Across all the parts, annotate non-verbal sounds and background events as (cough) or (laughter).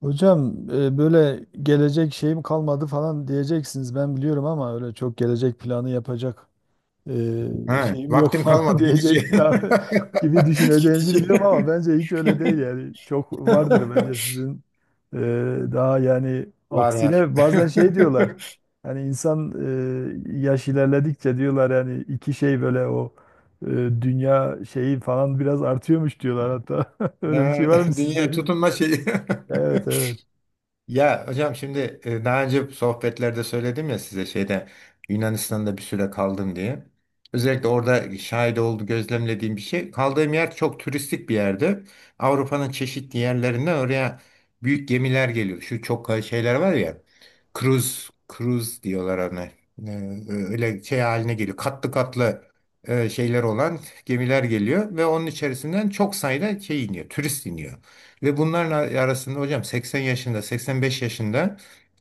Hocam böyle gelecek şeyim kalmadı falan diyeceksiniz ben biliyorum ama öyle çok gelecek planı yapacak Ha, şeyim yok (laughs) vaktim falan kalmadı gideceğim. diyecek daha gibi (laughs) düşüneceğinizi biliyorum ama Gideceğim. bence hiç öyle değil (laughs) yani çok vardır bence sizin e, daha yani Var var. aksine bazen şey diyorlar (laughs) hani insan yaş ilerledikçe diyorlar yani iki şey böyle o e, dünya şeyi falan biraz artıyormuş diyorlar hatta (laughs) öyle bir şey Ha, var mı sizde dünya bilmiyorum. tutunma şeyi. (laughs) Evet, evet. Ya hocam şimdi daha önce sohbetlerde söyledim ya size şeyde Yunanistan'da bir süre kaldım diye. Özellikle orada şahit oldu gözlemlediğim bir şey. Kaldığım yer çok turistik bir yerdi. Avrupa'nın çeşitli yerlerinden oraya büyük gemiler geliyor. Şu çok şeyler var ya. Cruise, cruise diyorlar ona. Öyle şey haline geliyor. Katlı katlı şeyler olan gemiler geliyor ve onun içerisinden çok sayıda şey iniyor. Turist iniyor. Ve bunlarla arasında hocam 80 yaşında, 85 yaşında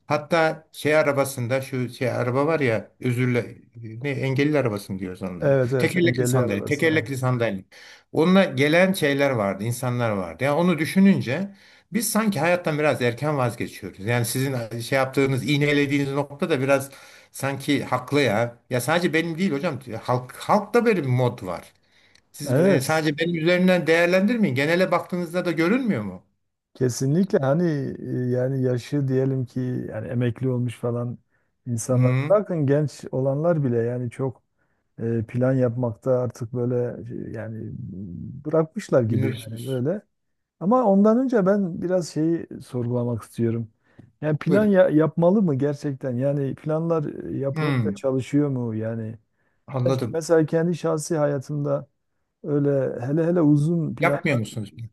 hatta şey arabasında şu şey araba var ya özürle ne engelli arabası mı diyoruz onlara. Evet, evet, Tekerlekli engelli sandalye, arabası. tekerlekli sandalye. Onunla gelen şeyler vardı, insanlar vardı. Yani onu düşününce biz sanki hayattan biraz erken vazgeçiyoruz. Yani sizin şey yaptığınız, iğnelediğiniz nokta da biraz sanki haklı ya. Ya sadece benim değil hocam. Halk, halkta böyle bir mod var. Siz Evet, sadece benim üzerinden değerlendirmeyin. Genele baktığınızda da görünmüyor mu? kesinlikle hani yani yaşı diyelim ki yani emekli olmuş falan insanlar Hmm, bırakın genç olanlar bile yani çok plan yapmakta artık böyle, yani bırakmışlar gibi yani bilmiyorsunuz. böyle. Ama ondan önce ben biraz şeyi sorgulamak istiyorum. Yani Buyurun. Yapmalı mı gerçekten? Yani planlar yapılınca Hmm, çalışıyor mu yani? Belki anladım. mesela kendi şahsi hayatımda öyle hele hele uzun plan Yapmıyor musunuz bunu?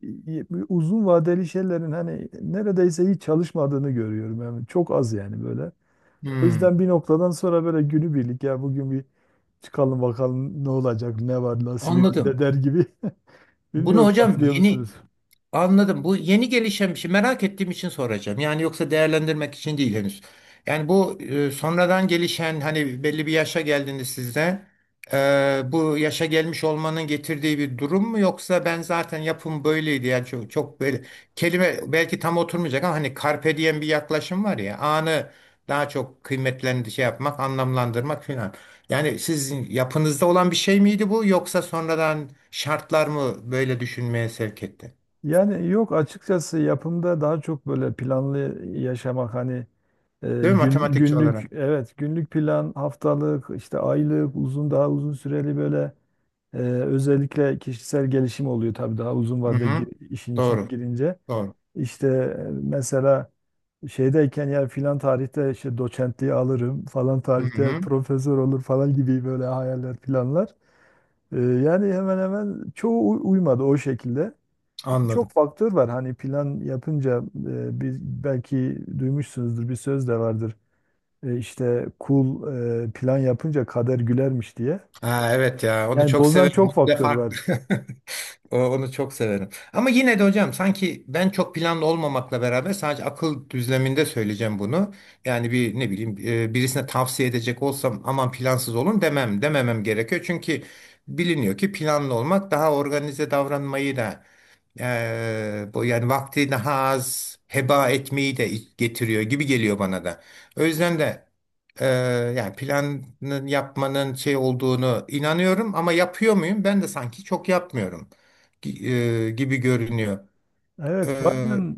uzun vadeli şeylerin hani neredeyse hiç çalışmadığını görüyorum. Yani çok az yani böyle. O Hmm, yüzden bir noktadan sonra böyle günübirlik ya bugün bir çıkalım bakalım ne olacak, ne var nasibimizde anladım. der gibi. (laughs) Bunu Bilmiyorum, hocam katılıyor musunuz? yeni anladım. Bu yeni gelişen bir şey. Merak ettiğim için soracağım. Yani yoksa değerlendirmek için değil henüz. Yani bu sonradan gelişen hani belli bir yaşa geldiğinde sizde bu yaşa gelmiş olmanın getirdiği bir durum mu yoksa ben zaten yapım böyleydi yani çok böyle kelime belki tam oturmayacak ama hani carpe diem bir yaklaşım var ya anı daha çok kıymetlendi şey yapmak anlamlandırmak filan. Yani sizin yapınızda olan bir şey miydi bu yoksa sonradan şartlar mı böyle düşünmeye sevk etti? Yani yok, açıkçası yapımda daha çok böyle planlı yaşamak hani e, Değil mi? gün, Matematikçi günlük olarak. evet, günlük plan, haftalık, işte aylık, uzun, daha uzun süreli böyle. Özellikle kişisel gelişim oluyor tabii daha uzun Hı vadede hı. İşin içine Doğru. girince. Doğru. İşte mesela şeydeyken ya filan tarihte işte doçentliği alırım, falan Hı tarihte hı. profesör olur falan gibi böyle hayaller, planlar. Yani hemen hemen çoğu uymadı o şekilde. Tabii çok Anladım. faktör var hani plan yapınca belki duymuşsunuzdur bir söz de vardır. E, işte kul Plan yapınca kader gülermiş diye. Ha, evet ya onu Yani çok bozan severim. çok Onu da faktör var. farklı. (laughs) Onu çok severim. Ama yine de hocam sanki ben çok planlı olmamakla beraber sadece akıl düzleminde söyleyeceğim bunu. Yani bir ne bileyim birisine tavsiye edecek olsam aman plansız olun demem dememem gerekiyor. Çünkü biliniyor ki planlı olmak daha organize davranmayı da bu yani vaktini heba etmeyi de getiriyor gibi geliyor bana da. O yüzden de eee, yani planın yapmanın şey olduğunu inanıyorum ama yapıyor muyum? Ben de sanki çok yapmıyorum gibi görünüyor. Eee, Evet, bazen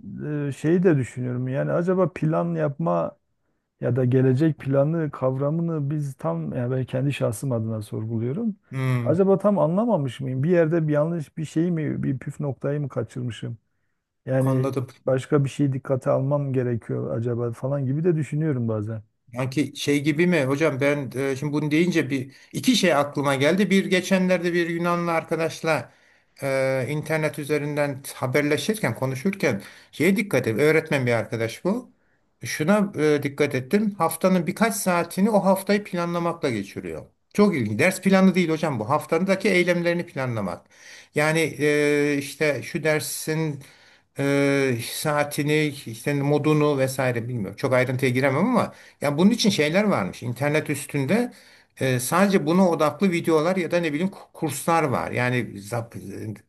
şeyi de düşünüyorum. Yani acaba plan yapma ya da gelecek planı kavramını biz tam, ya ben kendi şahsım adına sorguluyorum. hmm, Acaba tam anlamamış mıyım? Bir yerde bir yanlış bir şey mi, bir püf noktayı mı kaçırmışım? Yani anladım. başka bir şey dikkate almam gerekiyor acaba falan gibi de düşünüyorum bazen. Yani şey gibi mi hocam ben şimdi bunu deyince bir iki şey aklıma geldi. Bir geçenlerde bir Yunanlı arkadaşla internet üzerinden haberleşirken konuşurken şeye dikkat et. Öğretmen bir arkadaş bu. Şuna dikkat ettim. Haftanın birkaç saatini o haftayı planlamakla geçiriyor. Çok ilginç. Ders planı değil hocam bu. Haftadaki eylemlerini planlamak. Yani işte şu dersin saatini, işte modunu vesaire bilmiyorum. Çok ayrıntıya giremem ama ya bunun için şeyler varmış. İnternet üstünde sadece buna odaklı videolar ya da ne bileyim kurslar var. Yani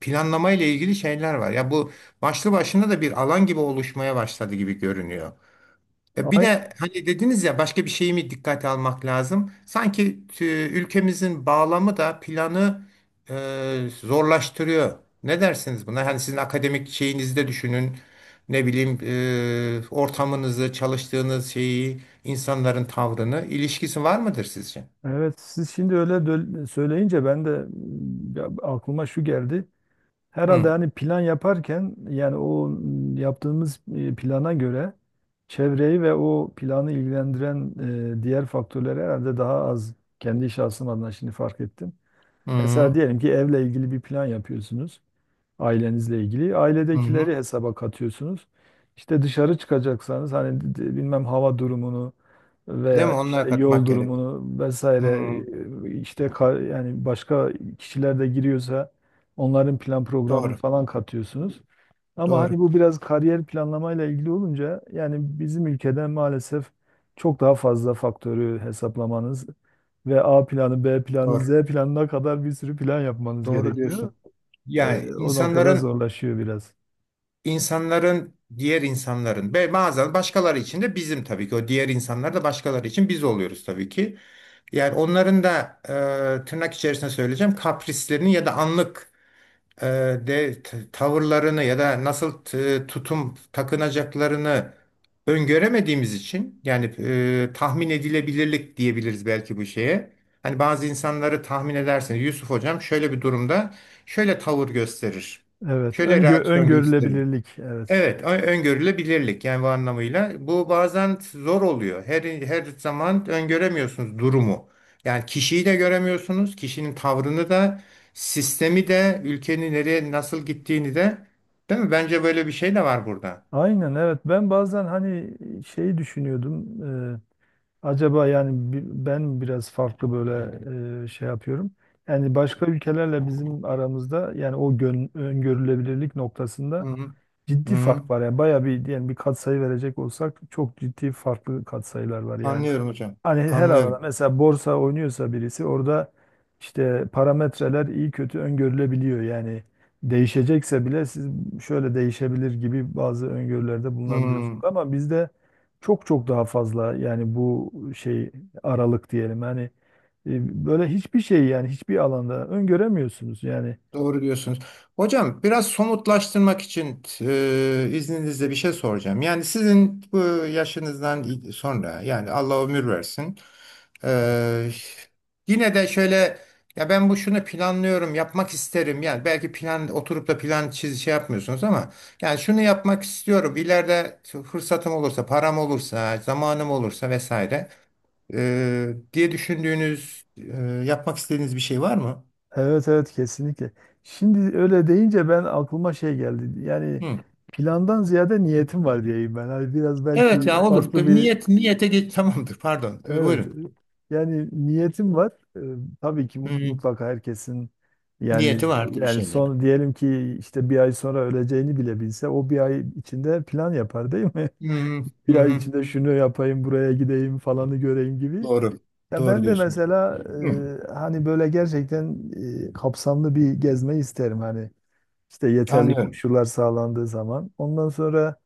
planlama ile ilgili şeyler var. Ya bu başlı başına da bir alan gibi oluşmaya başladı gibi görünüyor. Ya bir Aynen. de hani dediniz ya başka bir şeyi mi dikkate almak lazım? Sanki ülkemizin bağlamı da planı zorlaştırıyor. Ne dersiniz buna? Hani sizin akademik şeyinizi de düşünün. Ne bileyim ortamınızı, çalıştığınız şeyi, insanların tavrını ilişkisi var mıdır sizce? Evet, siz şimdi öyle söyleyince ben de ya aklıma şu geldi. Hı. Herhalde hani plan yaparken yani yaptığımız plana göre çevreyi ve o planı ilgilendiren diğer faktörleri herhalde daha az, kendi şahsım adına şimdi fark ettim. Hı hı. Mesela diyelim ki evle ilgili bir plan yapıyorsunuz, ailenizle ilgili. Hı hı. Ailedekileri hesaba katıyorsunuz. İşte dışarı çıkacaksanız hani bilmem hava durumunu Değil mi? veya Onlara işte yol katmak gerek. durumunu Hı. vesaire, yani başka kişiler de giriyorsa onların plan programını Doğru. falan katıyorsunuz. Ama Doğru. hani bu biraz kariyer planlamayla ilgili olunca yani bizim ülkede maalesef çok daha fazla faktörü hesaplamanız ve A planı, B planı, Z Doğru. planına kadar bir sürü plan yapmanız Doğru gerekiyor. diyorsun. Yani O noktada insanların zorlaşıyor biraz. İnsanların diğer insanların ve bazen başkaları için de bizim tabii ki o diğer insanlar da başkaları için biz oluyoruz tabii ki. Yani onların da tırnak içerisinde söyleyeceğim kaprislerini ya da anlık e, tavırlarını ya da nasıl tutum takınacaklarını öngöremediğimiz için yani tahmin edilebilirlik diyebiliriz belki bu şeye. Hani bazı insanları tahmin edersiniz. Yusuf hocam şöyle bir durumda şöyle tavır gösterir. Evet, Şöyle reaksiyon gösterir. öngörülebilirlik. Evet. Evet, öngörülebilirlik yani bu anlamıyla. Bu bazen zor oluyor. Her zaman öngöremiyorsunuz durumu. Yani kişiyi de göremiyorsunuz, kişinin tavrını da, sistemi de, ülkenin nereye nasıl gittiğini de. Değil mi? Bence böyle bir şey de var burada. Aynen, evet. Ben bazen hani şeyi düşünüyordum. Ee, Acaba yani ben biraz farklı böyle şey yapıyorum. Yani başka ülkelerle bizim aramızda yani o öngörülebilirlik Hı noktasında hı. Hı ciddi hı. fark var. Yani bayağı bir, diyelim bir katsayı verecek olsak, çok ciddi farklı katsayılar var yani. Anlıyorum hocam. Hani her alanda Anlıyorum. mesela borsa oynuyorsa birisi orada işte parametreler iyi kötü öngörülebiliyor. Yani değişecekse bile siz şöyle değişebilir gibi bazı öngörülerde bulunabiliyorsunuz. Hı, Ama bizde çok çok daha fazla yani bu şey aralık diyelim. Hani böyle hiçbir şey, yani hiçbir alanda öngöremiyorsunuz. Yani doğru diyorsunuz. Hocam biraz somutlaştırmak için izninizle bir şey soracağım. Yani sizin bu yaşınızdan sonra yani Allah ömür versin. evet. Ee, Yine de şöyle ya ben bu şunu planlıyorum yapmak isterim yani belki plan oturup da plan çiz şey yapmıyorsunuz ama yani şunu yapmak istiyorum ileride fırsatım olursa param olursa zamanım olursa vesaire diye düşündüğünüz yapmak istediğiniz bir şey var mı? Evet, evet, kesinlikle. Şimdi öyle deyince ben aklıma şey geldi. Yani Hı. plandan ziyade niyetim var diyeyim ben. Hani biraz Evet belki ya olur. farklı Tabii bir niyet niyete geç. (laughs) Tamamdır, pardon. Evet. Buyurun. Yani niyetim var. Tabii ki Hı hı. mutlaka herkesin yani, Niyeti vardı bir yani şeylere. son diyelim ki işte bir ay sonra öleceğini bile bilse o bir ay içinde plan yapar, değil mi? Hı (laughs) hı. Hı Bir ay hı. içinde şunu yapayım, buraya gideyim, falanı göreyim gibi. Doğru. Ya Doğru ben de diyorsunuz. mesela Hı. Hani böyle gerçekten kapsamlı bir gezme isterim hani işte yeterli Anlıyorum. koşullar sağlandığı zaman. Ondan sonra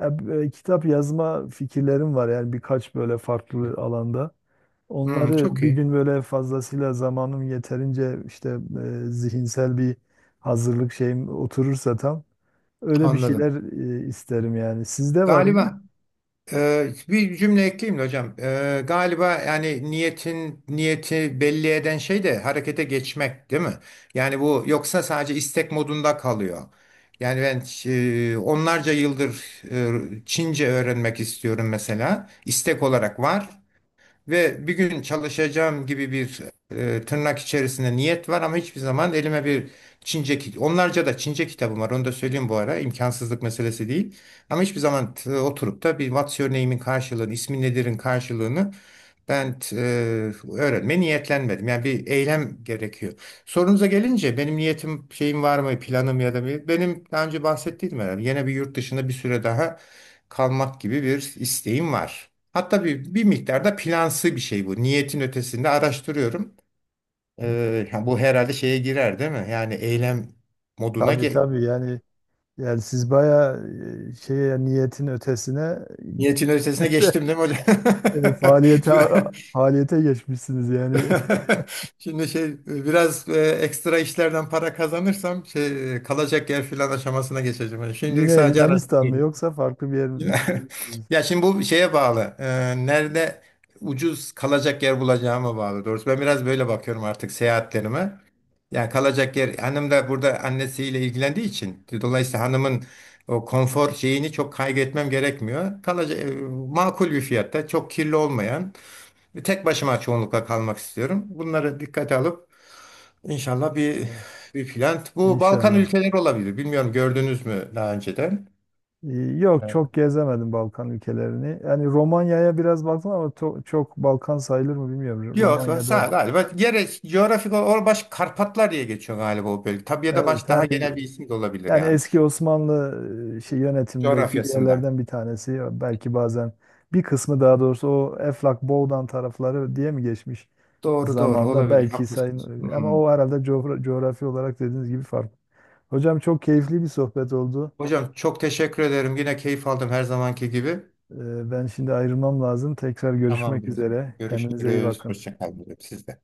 ya, kitap yazma fikirlerim var yani birkaç böyle farklı alanda. Hı, Onları çok bir iyi. gün böyle fazlasıyla zamanım, yeterince işte zihinsel bir hazırlık şeyim oturursa tam öyle bir Anladım. şeyler isterim yani. Sizde var mı? Galiba bir cümle ekleyeyim de hocam. Galiba yani niyetin niyeti belli eden şey de harekete geçmek değil mi? Yani bu yoksa sadece istek modunda kalıyor. Yani ben onlarca yıldır Çince öğrenmek istiyorum mesela. İstek olarak var. Ve bir gün çalışacağım gibi bir tırnak içerisinde niyet var ama hiçbir zaman elime bir Çince, onlarca da Çince kitabım var. Onu da söyleyeyim bu ara. İmkansızlık meselesi değil. Ama hiçbir zaman oturup da bir what's your name'in karşılığını, ismin nedir'in karşılığını ben t- e, öğrenmeye niyetlenmedim. Yani bir eylem gerekiyor. Sorunuza gelince benim niyetim, şeyim var mı, planım ya da bir, benim daha önce bahsettiğim herhalde. Yine bir yurt dışında bir süre daha kalmak gibi bir isteğim var. Hatta bir, bir miktarda plansı bir şey bu. Niyetin ötesinde araştırıyorum. Ha, Bu herhalde şeye girer değil mi? Yani eylem moduna Tabii, tabii yani, yani siz bayağı şeye, niyetin ötesine niyetin ötesine de, geçtim değil mi hocam? E, faaliyete faaliyete geçmişsiniz yani. (laughs) Şimdi şey biraz ekstra işlerden para kazanırsam şey kalacak yer filan aşamasına geçeceğim. Yani (laughs) şimdilik Yine sadece Yunanistan mı araştırıyorum. yoksa farklı bir yer mi Yine- düşünüyorsunuz? (laughs) Ya şimdi bu şeye bağlı. Nerede ucuz kalacak yer bulacağıma bağlı. Doğrusu ben biraz böyle bakıyorum artık seyahatlerime. Yani kalacak yer hanım da burada annesiyle ilgilendiği için dolayısıyla hanımın o konfor şeyini çok kaygı gerekmiyor. Kalacak makul bir fiyatta, çok kirli olmayan tek başıma çoğunlukla kalmak istiyorum. Bunları dikkate alıp inşallah bir Evet, bir plan. Bu Balkan inşallah. ülkeleri olabilir. Bilmiyorum gördünüz mü daha önceden? Yok, çok gezemedim Balkan ülkelerini. Yani Romanya'ya biraz baktım ama çok Balkan sayılır mı bilmiyorum. Yok sağ Romanya'da galiba gerek coğrafik olarak baş Karpatlar diye geçiyor galiba o bölge. Tabii ya da evet, baş daha hani genel bir isim de olabilir yani yani eski Osmanlı şey yönetimindeki coğrafyasından. yerlerden bir tanesi belki, bazen bir kısmı daha doğrusu o Eflak Boğdan tarafları diye mi geçmiş Doğru doğru zamanda olabilir belki haklısınız. sayın, ama Hmm. o herhalde coğrafi olarak dediğiniz gibi farklı. Hocam çok keyifli bir sohbet oldu. Hocam çok teşekkür ederim. Yine keyif aldım her zamanki gibi. Ben şimdi ayrılmam lazım. Tekrar görüşmek Tamamdır o zaman. üzere. Kendinize iyi Görüşürüz. bakın. Hoşça kalın. Siz de.